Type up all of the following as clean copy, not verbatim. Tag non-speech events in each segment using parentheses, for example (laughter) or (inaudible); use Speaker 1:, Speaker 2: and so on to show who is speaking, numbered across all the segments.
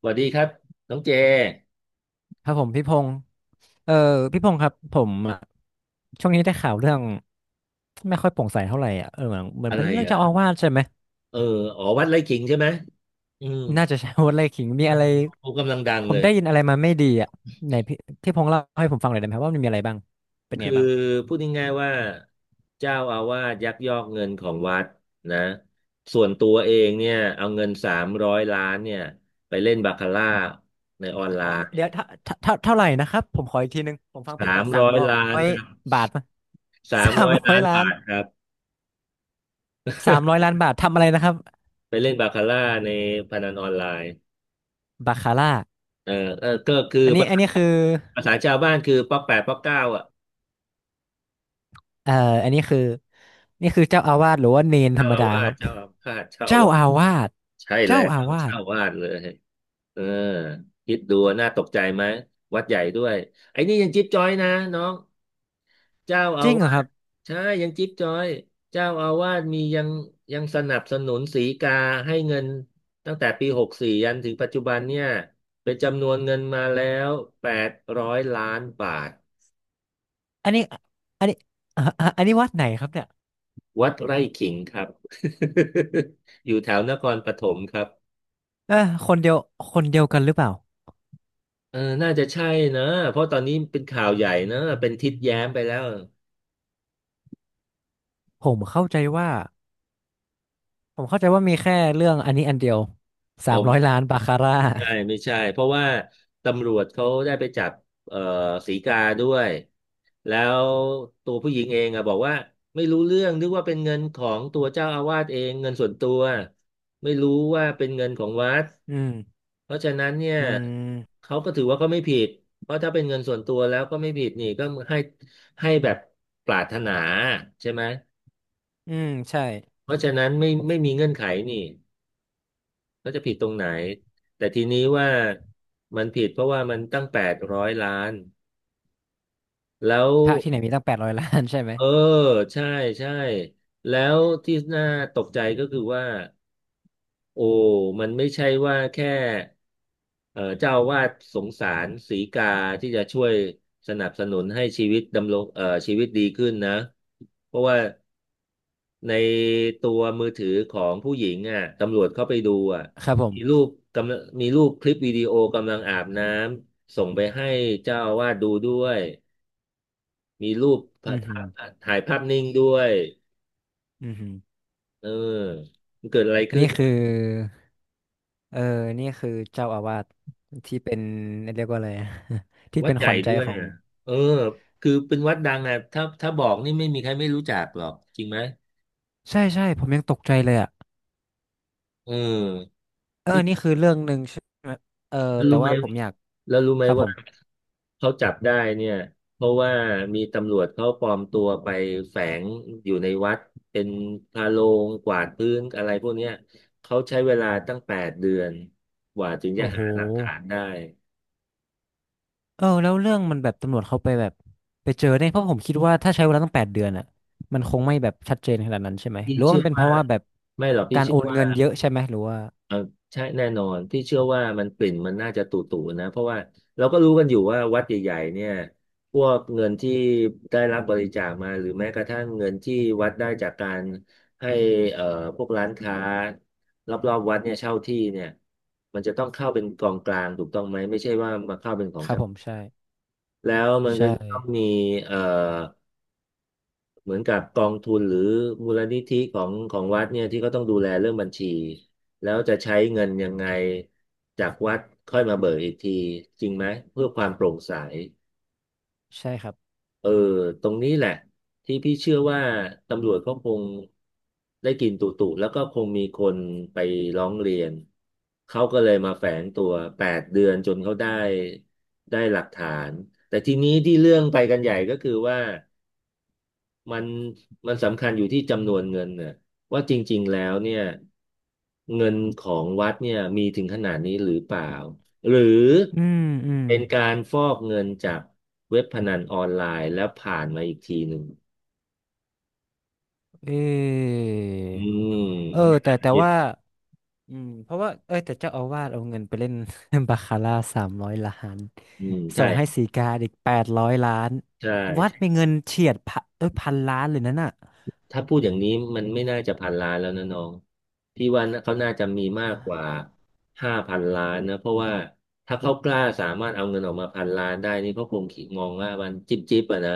Speaker 1: สวัสดีครับน้องเจ
Speaker 2: ครับผมพี่พงศ์เออพี่พงศ์ครับผมอะช่วงนี้ได้ข่าวเรื่องไม่ค่อยโปร่งใสเท่าไหร่อ่ะเหมือน
Speaker 1: อะ
Speaker 2: เป็
Speaker 1: ไร
Speaker 2: นเรื่อง
Speaker 1: อ่ะ
Speaker 2: เจ้าอาวาสใช่ไหม
Speaker 1: เอออ๋อวัดไร่ขิงใช่ไหม อืม
Speaker 2: น่าจะใช่ (laughs) วัดไร่ขิงมี
Speaker 1: เออ
Speaker 2: อะไร
Speaker 1: เขกำลังดัง
Speaker 2: ผ
Speaker 1: เล
Speaker 2: ม
Speaker 1: ย
Speaker 2: ได้ยินอะไรมาไม่ดีอ่ะไหนพี่พงศ์เล่าให้ผมฟังหน่อยได้ไหมครับว่ามันมีอะไรบ้างเป็นไง
Speaker 1: คือ
Speaker 2: บ้าง
Speaker 1: พูดง่ายๆว่าเจ้าอาวาสยักยอกเงินของวัดนะส่วนตัวเองเนี่ยเอาเงินสามร้อยล้านเนี่ยไปเล่นบาคาร่าในออนไลน์
Speaker 2: เดี๋ยวเท่าไหร่นะครับผมขออีกทีนึงผมฟังผิด
Speaker 1: สา
Speaker 2: เป
Speaker 1: ม
Speaker 2: ล่าสา
Speaker 1: ร้
Speaker 2: ม
Speaker 1: อย
Speaker 2: ร้อ
Speaker 1: ล้าน
Speaker 2: ย
Speaker 1: ครับ
Speaker 2: บาทป่ะ
Speaker 1: สา
Speaker 2: (laughs)
Speaker 1: ม
Speaker 2: สาม
Speaker 1: ร้อย
Speaker 2: ร้อย
Speaker 1: ล้าน
Speaker 2: ล้าน
Speaker 1: บาทครับ
Speaker 2: 300 ล้านบาททำอะไรนะครับ
Speaker 1: ไปเล่นบาคาร่าในพนันออนไลน์
Speaker 2: บาคาร่า
Speaker 1: เออก็คือ
Speaker 2: อันนี้
Speaker 1: ภา
Speaker 2: อัน
Speaker 1: ษา
Speaker 2: นี้คือ
Speaker 1: ภาษาชาวบ้านคือป๊อกแปดป๊อกเก้าอ่ะ
Speaker 2: เอ่ออันนี้คือนี่คือเจ้าอาวาสหรือว่าเนนธร
Speaker 1: เจ้า
Speaker 2: รม
Speaker 1: อา
Speaker 2: ดา
Speaker 1: วา
Speaker 2: ค
Speaker 1: ส
Speaker 2: รับ
Speaker 1: เจ้าอาพาธเจ้าอา
Speaker 2: เจ้า
Speaker 1: วาส
Speaker 2: อาวาส
Speaker 1: ใช่แล้
Speaker 2: เจ้า
Speaker 1: ว
Speaker 2: อา
Speaker 1: เจ้
Speaker 2: วาส
Speaker 1: าอาวาสเลยเออคิดดูน่าตกใจไหมวัดใหญ่ด้วยไอ้นี่ยังจิ๊บจ้อยนะน้องเจ้า
Speaker 2: จ
Speaker 1: อา
Speaker 2: ริงเหรอ
Speaker 1: วา
Speaker 2: ครั
Speaker 1: ส
Speaker 2: บ
Speaker 1: ใช่ยังจิ๊บจ้อยเจ้าอาวาสมียังยังสนับสนุนสีกาให้เงินตั้งแต่ปี64ยันถึงปัจจุบันเนี่ยเป็นจำนวนเงินมาแล้ว800 ล้านบาท
Speaker 2: อันนี้อันนี้อ่ะอ่ะอันนี้วัดไหนครับเนี่ย
Speaker 1: วัดไร่ขิงครับ (laughs) อยู่แถวนครปฐมครับ
Speaker 2: เออคนเดียวคนเดียวกันหรือเปล่า
Speaker 1: น่าจะใช่นะเพราะตอนนี้เป็นข่าวใหญ่นะเป็นทิดแย้มไปแล้ว
Speaker 2: ผมเข้าใจว่าผมเข้าใจว่ามีแค่เรื่องอันนี้อันเดียวสา
Speaker 1: อ๋อ
Speaker 2: มร้
Speaker 1: ไม่
Speaker 2: อยล้านบาคาร่า
Speaker 1: ใช่ไม่ใช่เพราะว่าตำรวจเขาได้ไปจับเอ่อศรีกาด้วยแล้วตัวผู้หญิงเองอะบอกว่าไม่รู้เรื่องนึกว่าเป็นเงินของตัวเจ้าอาวาสเองเงินส่วนตัวไม่รู้ว่าเป็นเงินของวัด
Speaker 2: อืม
Speaker 1: เพราะฉะนั้นเนี่ย
Speaker 2: อืม
Speaker 1: เขาก็ถือว่าเขาไม่ผิดเพราะถ้าเป็นเงินส่วนตัวแล้วก็ไม่ผิดนี่ก็ให้ให้แบบปรารถนาใช่ไหม
Speaker 2: ใช่
Speaker 1: เพราะฉะนั้นไม่มีเงื่อนไขนี่ก็จะผิดตรงไหนแต่ทีนี้ว่ามันผิดเพราะว่ามันตั้งแปดร้อยล้านแล้ว
Speaker 2: พระที่ไหนมีตั้งแปดร้อยล้านใช่ไหม
Speaker 1: เออใช่ใช่แล้วที่น่าตกใจก็คือว่าโอ้มันไม่ใช่ว่าแค่เจ้าอาวาสสงสารสีกาที่จะช่วยสนับสนุนให้ชีวิตดำรงชีวิตดีขึ้นนะเพราะว่า ในตัวมือถือของผู้หญิงอ่ะตำรวจเข้าไปดูอ่ะ
Speaker 2: ครับผ
Speaker 1: มีรู
Speaker 2: ม
Speaker 1: ปกำลังมีรูปคลิปวิดีโอกำลังอาบน้ำส่งไปให้เจ้าอาวาสดูด้วยมีรูปพ
Speaker 2: อื
Speaker 1: ระ
Speaker 2: มอหืม
Speaker 1: ถ่ายภาพนิ่งด้วย
Speaker 2: ออือหือ
Speaker 1: เออมันเกิดอะไร
Speaker 2: อัน
Speaker 1: ขึ้
Speaker 2: นี้
Speaker 1: น
Speaker 2: คือ เออนี่คือเจ้าอาวาสที่เป็น (laughs) เรียกว่าอะไรอะ (laughs) ที่
Speaker 1: วั
Speaker 2: เป็
Speaker 1: ด
Speaker 2: น
Speaker 1: ให
Speaker 2: ข
Speaker 1: ญ่
Speaker 2: วัญใจ
Speaker 1: ด้วย
Speaker 2: ของ
Speaker 1: อ่ะเออคือเป็นวัดดังอ่ะถ้าบอกนี่ไม่มีใครไม่รู้จักหรอกจริงไหม
Speaker 2: ใช่ใช่ผมยังตกใจเลยอ่ะ
Speaker 1: เออนี่
Speaker 2: นี่คือเรื่องหนึ่งใช่ไหมเออแต่
Speaker 1: รู้ไหม
Speaker 2: ว่าผมอยาก
Speaker 1: แล้วรู้ไหม
Speaker 2: ครับผ
Speaker 1: ว่า
Speaker 2: ม
Speaker 1: เขาจับได้เนี่ยเพราะว่ามีตำรวจเขาปลอมตัวไปแฝงอยู่ในวัดเป็นพาโลงกวาดพื้นอะไรพวกเนี้ยเขาใช้เวลาตั้งแปดเดือนกว่าถึง
Speaker 2: โอ้
Speaker 1: จะ
Speaker 2: โห
Speaker 1: หาหลักฐานได้
Speaker 2: แล้วเรื่องมันแบบตำรวจเขาไปแบบไปเจอได้เพราะผมคิดว่าถ้าใช้เวลาตั้ง8 เดือนอ่ะมันคงไม่แบบชัดเจนขนาดนั้นใช่ไหม
Speaker 1: พี่
Speaker 2: หรือว่า
Speaker 1: เชื่
Speaker 2: มั
Speaker 1: อ
Speaker 2: นเป็นเพ
Speaker 1: ว่า
Speaker 2: ราะว่าแบบ
Speaker 1: ไม่หรอกพี่
Speaker 2: การ
Speaker 1: เชื่
Speaker 2: โอ
Speaker 1: อ
Speaker 2: น
Speaker 1: ว่า
Speaker 2: เงินเยอะใช่ไหมหรือว่า
Speaker 1: ใช่แน่นอนพี่เชื่อว่ามันกลิ่นมันน่าจะตุ่ๆนะเพราะว่าเราก็รู้กันอยู่ว่าวัดใหญ่ๆเนี่ยพวกเงินที่ได้รับบริจาคมาหรือแม้กระทั่งเงินที่วัดได้จากการให้เอ่อพวกร้านค้ารอบๆวัดเนี่ยเช่าที่เนี่ยมันจะต้องเข้าเป็นกองกลางถูกต้องไหมไม่ใช่ว่ามาเข้าเป็นของ
Speaker 2: ครับ
Speaker 1: เจ้า
Speaker 2: ผมใช่
Speaker 1: แล้วมัน
Speaker 2: ใช่
Speaker 1: ก็ต้องมีเอ่อ เหมือนกับกองทุนหรือมูลนิธิของวัดเนี่ยที่เขาต้องดูแลเรื่องบัญชีแล้วจะใช้เงินยังไงจากวัดค่อยมาเบิกอีกทีจริงไหมเพื่อความโปร่งใส
Speaker 2: ใช่ครับ
Speaker 1: เออตรงนี้แหละที่พี่เชื่อว่าตำรวจเขาคงได้กลินตุตุแล้วก็คงมีคนไปร้องเรียนเขาก็เลยมาแฝงตัวแปดเดือนจนเขาได้หลักฐานแต่ทีนี้ที่เรื่องไปกันใหญ่ก็คือว่า มันมันสำคัญอยู่ที่จำนวนเงินเนี่ยว่าจริงๆแล้วเนี่ยเงินของวัดเนี่ยมีถึงขนาดนี้หรือเปล่าหรือ
Speaker 2: อืมอืม
Speaker 1: เป็นการฟอกเงินจากเว็บพนันออนไลน์แล้วผ่านมาอีกทีหนึ่ง
Speaker 2: เออ
Speaker 1: อืม
Speaker 2: แต่แต่
Speaker 1: ผิด
Speaker 2: ว่า เพราะว่าแต่เจ้าอาวาสเอาเงินไปเล่น (laughs) บาคาร่า300 ล้าน
Speaker 1: อืม
Speaker 2: ส่
Speaker 1: ใช่
Speaker 2: งให้สีกาอีกแปดร้อยล้าน
Speaker 1: ใช่
Speaker 2: วัดเป็นเงินเฉียดพันเอ้ย1,000 ล้านเลยนั่นน่ะ
Speaker 1: ถ้าพูดอย่างนี้มันไม่น่าจะพันล้านแล้วนะน้องพี่ว่าน่ะเขาน่าจะมีมากกว่า5,000 ล้านนะเพราะว่าถ้าเขากล้าสามารถเอาเงินออกมาพันล้านได้นี่เขาคงคิดมองว่ามันจิ๊บจิ๊บอะนะ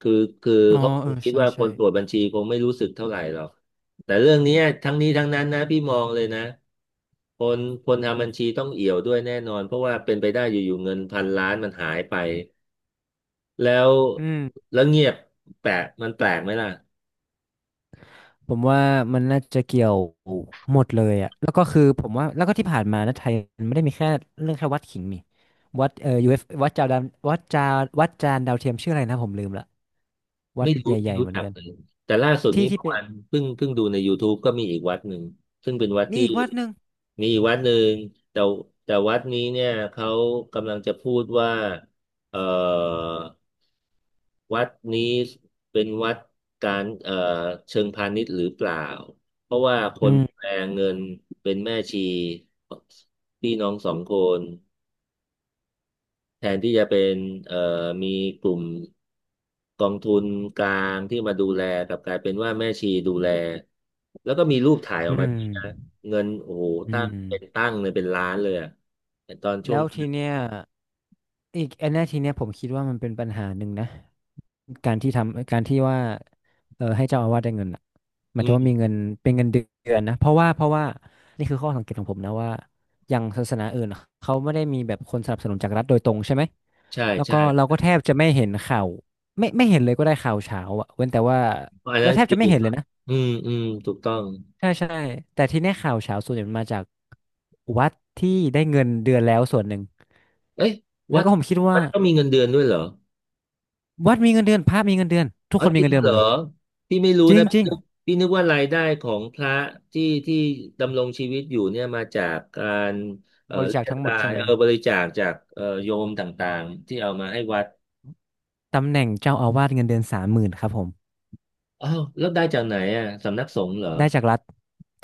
Speaker 1: คือคือ
Speaker 2: อ๋อ
Speaker 1: เขาคงคิด
Speaker 2: ใช่
Speaker 1: ว่าค
Speaker 2: ใช่
Speaker 1: นตรวจบัญชีคงไม่รู้สึกเท่าไหร่หรอกแต่เรื่องเนี้ยทั้งนี้ทั้งนั้นนะพี่มองเลยนะคนคนทำบัญชีต้องเอี่ยวด้วยแน่นอนเพราะว่าเป็นไปได้อยู่ๆเงินพันล้านมันหายไปแล้ว
Speaker 2: อืม
Speaker 1: แล้วเงียบแปลกมันแปลกไหมล่ะ
Speaker 2: ผมว่ามันน่าจะเกี่ยวหมดเลยอ่ะแล้วก็คือผมว่าแล้วก็ที่ผ่านมานะไทยมันไม่ได้มีแค่เรื่องแค่วัดขิงนี่วัดu วัดจานดาววัดจาวัดจานดาวเทียมชื่ออะไรนะผมลืมละวัด
Speaker 1: ไม่
Speaker 2: ให
Speaker 1: รู้ไม่
Speaker 2: ญ่ๆ
Speaker 1: รู้
Speaker 2: เหมือน
Speaker 1: จัก
Speaker 2: กัน
Speaker 1: เลยแต่ล่าสุด
Speaker 2: ที่
Speaker 1: นี้
Speaker 2: ที่
Speaker 1: เมื่อ
Speaker 2: เป็น
Speaker 1: วานเพิ่งดูใน YouTube ก็มีอีกวัดหนึ่งซึ่งเป็นวัด
Speaker 2: มี
Speaker 1: ที่
Speaker 2: อีกวัดหนึ่ง
Speaker 1: มีอีกวัดหนึ่งแต่แต่วัดนี้เนี่ยเขากำลังจะพูดว่าเอ่อวัดนี้เป็นวัดการเชิงพาณิชย์หรือเปล่าเพราะว่าค
Speaker 2: อื
Speaker 1: นแป
Speaker 2: ม
Speaker 1: ลเงินเป็นแม่ชีพี่น้องสองคน แทนที่จะเป็นเอ่อมีกลุ่มกองทุนกลางที่มาดูแลกลับกลายเป็นว่าแม่ชีดูแลแล้วก็มีรูปถ่ายอ
Speaker 2: อื
Speaker 1: อกมา
Speaker 2: ม
Speaker 1: ด้วยนะเงินโอ้โห
Speaker 2: อื
Speaker 1: ตั้งเป็น
Speaker 2: ม
Speaker 1: ตั้งเลยเป็นล้านเลยอะแต่ตอนช่ว
Speaker 2: แล้
Speaker 1: ง
Speaker 2: ว
Speaker 1: นี้
Speaker 2: ทีเนี้ยอีกอันเนี้ยทีเนี้ยผมคิดว่ามันเป็นปัญหาหนึ่งนะการที่ทำการที่ว่าให้เจ้าอาวาสได้เงินอ่ะหมา
Speaker 1: อื
Speaker 2: ยถึงว่ามี
Speaker 1: ม
Speaker 2: เงินเป็นเงินเดือนนะเพราะว่านี่คือข้อสังเกตของผมนะว่าอย่างศาสนาอื่นอะเขาไม่ได้มีแบบคนสนับสนุนจากรัฐโดยตรงใช่ไหม
Speaker 1: ใช่
Speaker 2: แล้ว
Speaker 1: ใช่
Speaker 2: ก็เราก็แทบจะไม่เห็นข่าวไม่เห็นเลยก็ได้ข่าวเช้าอ่ะเว้นแต่ว่า
Speaker 1: เพราะอัน
Speaker 2: เรา
Speaker 1: นั้น
Speaker 2: แทบ
Speaker 1: คือ
Speaker 2: จะไม่เห็นเลยนะ
Speaker 1: อืมอืมถูกต้อง
Speaker 2: ใช่ใช่แต่ที่เนี่ยข่าวเฉาส่วนใหญ่มันมาจากวัดที่ได้เงินเดือนแล้วส่วนหนึ่ง
Speaker 1: เอ้ย
Speaker 2: แล้
Speaker 1: วั
Speaker 2: ว
Speaker 1: ด
Speaker 2: ก็ผมคิดว่า
Speaker 1: ก็มีเงินเดือนด้วยเหรอ
Speaker 2: วัดมีเงินเดือนพระมีเงินเดือนทุก
Speaker 1: อ๋อ
Speaker 2: คนมี
Speaker 1: จริ
Speaker 2: เงิน
Speaker 1: ง
Speaker 2: เดือนห
Speaker 1: เห
Speaker 2: ม
Speaker 1: ร
Speaker 2: ด
Speaker 1: อ
Speaker 2: เลย
Speaker 1: พี่ไม่รู้
Speaker 2: จริง
Speaker 1: นะ
Speaker 2: จ
Speaker 1: พี่
Speaker 2: ริง
Speaker 1: นึกพี่นึกว่ารายได้ของพระที่ที่ดำรงชีวิตอยู่เนี่ยมาจากการ
Speaker 2: บริจาค
Speaker 1: เรียก
Speaker 2: ทั้งหมด
Speaker 1: รา
Speaker 2: ใช่
Speaker 1: ย
Speaker 2: ไหม
Speaker 1: บริจาคจากโยมต่างๆที่เอามาให้วัด
Speaker 2: ตำแหน่งเจ้าอาวาสเงินเดือน30,000ครับผม
Speaker 1: อ้าวแล้วได้จากไหนอ่ะสำนักสงฆ์เหรอ
Speaker 2: ได้จากรัฐ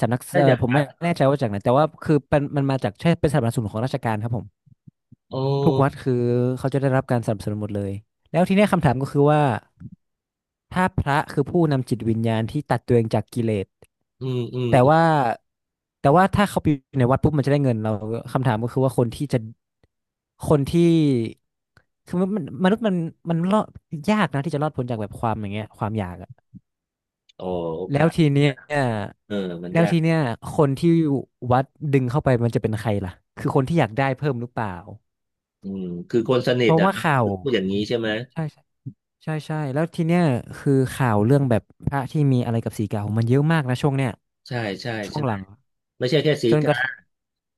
Speaker 2: สำนัก
Speaker 1: ได้จาก
Speaker 2: ผม
Speaker 1: วั
Speaker 2: ไม่
Speaker 1: ด
Speaker 2: แน่ใจว่าจากไหนแต่ว่าคือเป็นมันมาจากใช่เป็นสนับสนุนของราชการครับผม
Speaker 1: โอ้
Speaker 2: ทุกวัดคือเขาจะได้รับการสนับสนุนหมดเลยแล้วทีเนี้ยคำถามก็คือว่าถ้าพระคือผู้นำจิตวิญญาณที่ตัดตัวเองจากกิเลส
Speaker 1: อืมอืม
Speaker 2: แต่
Speaker 1: อืม
Speaker 2: ว่าแต่ว่าถ้าเขาไปอยู่ในวัดปุ๊บมันจะได้เงินเราคำถามก็คือว่าคนที่จะคนที่คือมันมนุษย์มันรอดยากนะที่จะรอดพ้นจากแบบความอย่างเงี้ยความอยากอะ
Speaker 1: อ๋อโอ
Speaker 2: แล้
Speaker 1: กา
Speaker 2: ว
Speaker 1: ส
Speaker 2: ทีเนี้ย
Speaker 1: เออมัน
Speaker 2: แล้ว
Speaker 1: ยาก
Speaker 2: ทีเนี้ยคนที่วัดดึงเข้าไปมันจะเป็นใครล่ะคือคนที่อยากได้เพิ่มหรือเปล่า
Speaker 1: อืมคือคนสนิ
Speaker 2: เพ
Speaker 1: ท
Speaker 2: ราะ
Speaker 1: อ่ะ
Speaker 2: ว่าข่าว
Speaker 1: พูดอย่างนี้ใช่ไหม
Speaker 2: ใช่ใช่ใช่ใช่แล้วทีเนี้ยคือข่าวเรื่องแบบพระที่มีอะไรกับสีกามันเยอะมากนะช่วงเนี้ย
Speaker 1: ใช่ใช่
Speaker 2: ช่ว
Speaker 1: ใช่
Speaker 2: งหลัง
Speaker 1: ไม่ใช่แค่สี
Speaker 2: จนก
Speaker 1: กา
Speaker 2: ระ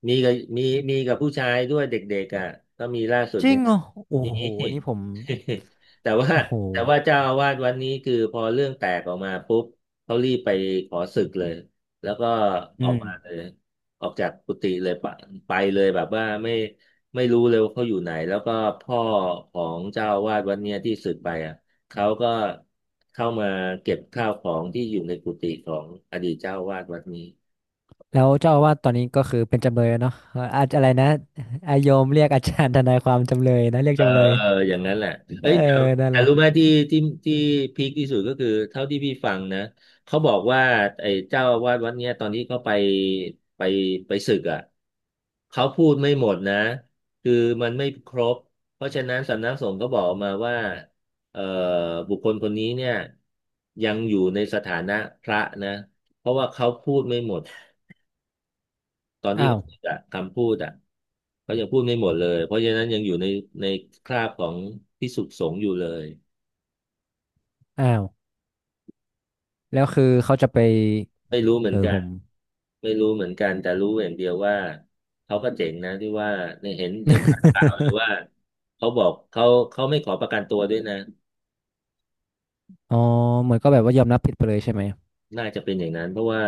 Speaker 1: มีกับมีมีกับผู้ชายด้วยเด็กๆอ่ะก็มีล่าสุด
Speaker 2: จริ
Speaker 1: เนี่
Speaker 2: ง
Speaker 1: ย
Speaker 2: เหรอโอ้
Speaker 1: มี
Speaker 2: โหอันนี้ผม
Speaker 1: (laughs) แต่ว่า
Speaker 2: โอ้โห
Speaker 1: แต่ว่าเจ้าอาวาสวันนี้คือพอเรื่องแตกออกมาปุ๊บเขารีบไปขอสึกเลยแล้วก็อ
Speaker 2: อื
Speaker 1: อก
Speaker 2: ม
Speaker 1: มาเลยออกจากกุฏิเลยไปไปเลยแบบว่าไม่ไม่รู้เลยว่าเขาอยู่ไหนแล้วก็พ่อของเจ้าอาวาสวันเนี้ยที่สึกไปอ่ะเขาก็เข้ามาเก็บข้าวของที่อยู่ในกุฏิของอดีตเจ้าอาวาสวัดนี้
Speaker 2: แล้วเจ้าอาวาสตอนนี้ก็คือเป็นจำเลยแล้วเนาะเอ่ออาจอะไรนะอาโยมเรียกอาจารย์ทนายความจำเลยนะเรียก
Speaker 1: เออ
Speaker 2: จำเลย
Speaker 1: เอออย่างนั้นแหละ
Speaker 2: เออ
Speaker 1: เอ้ยแต่
Speaker 2: นั่น
Speaker 1: แต่
Speaker 2: แหละ
Speaker 1: รู้ไหมที่ที่ที่พีคที่สุดก็คือเท่าที่พี่ฟังนะเขาบอกว่าไอ้เจ้าอาวาสวัดเนี้ยตอนที่เขาไปไปไปศึกอ่ะเขาพูดไม่หมดนะคือมันไม่ครบเพราะฉะนั้นสำนักสงฆ์ก็บอกมาว่าเอ่อบุคคลคนนี้เนี่ยยังอยู่ในสถานะพระนะเพราะว่าเขาพูดไม่หมด ตอนที่
Speaker 2: อ้าว
Speaker 1: เขาพูดอะคำพูดอะเขายังพูดไม่หมดเลยเพราะฉะนั้นยังอยู่ในในคราบของภิกษุสงฆ์อยู่เลย
Speaker 2: อ้าวแล้วคือเขาจะไป
Speaker 1: ไม่รู้เหมือนกั
Speaker 2: ผ
Speaker 1: น
Speaker 2: ม
Speaker 1: ไม่รู้เหมือนกันแต่รู้อย่างเดียวว่าเขาก็เจ๋งนะที่ว่าในเห็นเห็นข่าวหรือว่า
Speaker 2: (laughs)
Speaker 1: เขาบอกเขาเขาไม่ขอประกันตัวด้วยนะ
Speaker 2: อ๋อเหมือนก็แบบว่ายอมรับผิดไปเลยใช่ไหม
Speaker 1: น่าจะเป็นอย่างนั้นเพราะว่า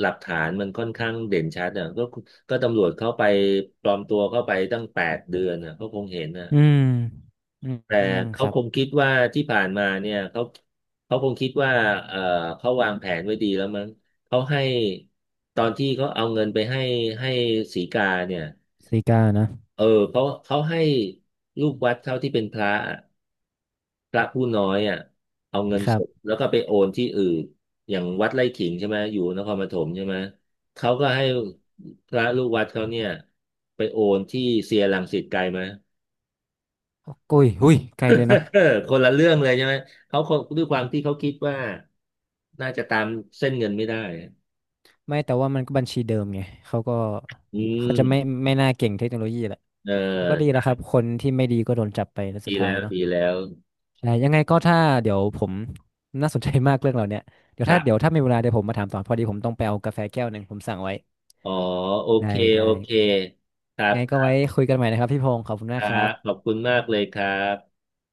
Speaker 1: หลักฐานมันค่อนข้างเด่นชัดอ่ะก็ก็ตำรวจเข้าไปปลอมตัวเข้าไปตั้ง8 เดือนอ่ะเขาคงเห็นนะ
Speaker 2: อืมอืม
Speaker 1: แต่
Speaker 2: อืมค
Speaker 1: เขา
Speaker 2: รับ
Speaker 1: คงคิดว่าที่ผ่านมาเนี่ยเขาเขาคงคิดว่าเออเขาวางแผนไว้ดีแล้วมั้งเขาให้ตอนที่เขาเอาเงินไปให้ให้สีกาเนี่ย
Speaker 2: ซีกานะ
Speaker 1: เออเขาเขาให้ลูกวัดเขาที่เป็นพระอะพระผู้น้อยอ่ะเอาเงิน
Speaker 2: ค
Speaker 1: ส
Speaker 2: รั
Speaker 1: ด
Speaker 2: บ
Speaker 1: แล้วก็ไปโอนที่อื่นอย่างวัดไร่ขิงใช่ไหมอยู่นครปฐมใช่ไหมเขาก็ให้พระลูกวัดเขาเนี่ยไปโอนที่เซียร์รังสิตไกลไหม
Speaker 2: โอ้ยหุ้ยไกลเลยนะ
Speaker 1: (laughs) คนละเรื่องเลยใช่ไหมเขาคงด้วยความที่เขาคิดว่าน่าจะตามเส้นเงินไม่ได้
Speaker 2: ไม่แต่ว่ามันก็บัญชีเดิมไงเขาก็
Speaker 1: อื
Speaker 2: เขาจะไม่
Speaker 1: ม
Speaker 2: ไม่น่าเก่งเทคโนโลยีแหละ
Speaker 1: เอ
Speaker 2: แต่ก็ดีแล้
Speaker 1: อ
Speaker 2: วครับคนที่ไม่ดีก็โดนจับไปแล้วสุ
Speaker 1: ดี
Speaker 2: ดท้าย
Speaker 1: แล้ว
Speaker 2: เนาะ
Speaker 1: ดีแล้ว
Speaker 2: ใช่ยังไงก็ถ้าเดี๋ยวผมน่าสนใจมากเรื่องเหล่าเนี้ยเดี๋ยว
Speaker 1: ค
Speaker 2: ถ้า
Speaker 1: รั
Speaker 2: เดี๋ยว
Speaker 1: บ
Speaker 2: ถ้ามีเวลาเดี๋ยวผมมาถามต่อพอดีผมต้องไปเอากาแฟแก้วหนึ่งผมสั่งไว้
Speaker 1: อ๋อโอเค
Speaker 2: ได้
Speaker 1: โอ
Speaker 2: ได้
Speaker 1: เคครับ
Speaker 2: ไง
Speaker 1: ค
Speaker 2: ก็
Speaker 1: รั
Speaker 2: ไว้
Speaker 1: บ
Speaker 2: คุยกันใหม่นะครับพี่พงศ์ขอบคุณ
Speaker 1: ค
Speaker 2: มาก
Speaker 1: รั
Speaker 2: ครั
Speaker 1: บข
Speaker 2: บ
Speaker 1: อบคุณมากเลยครับ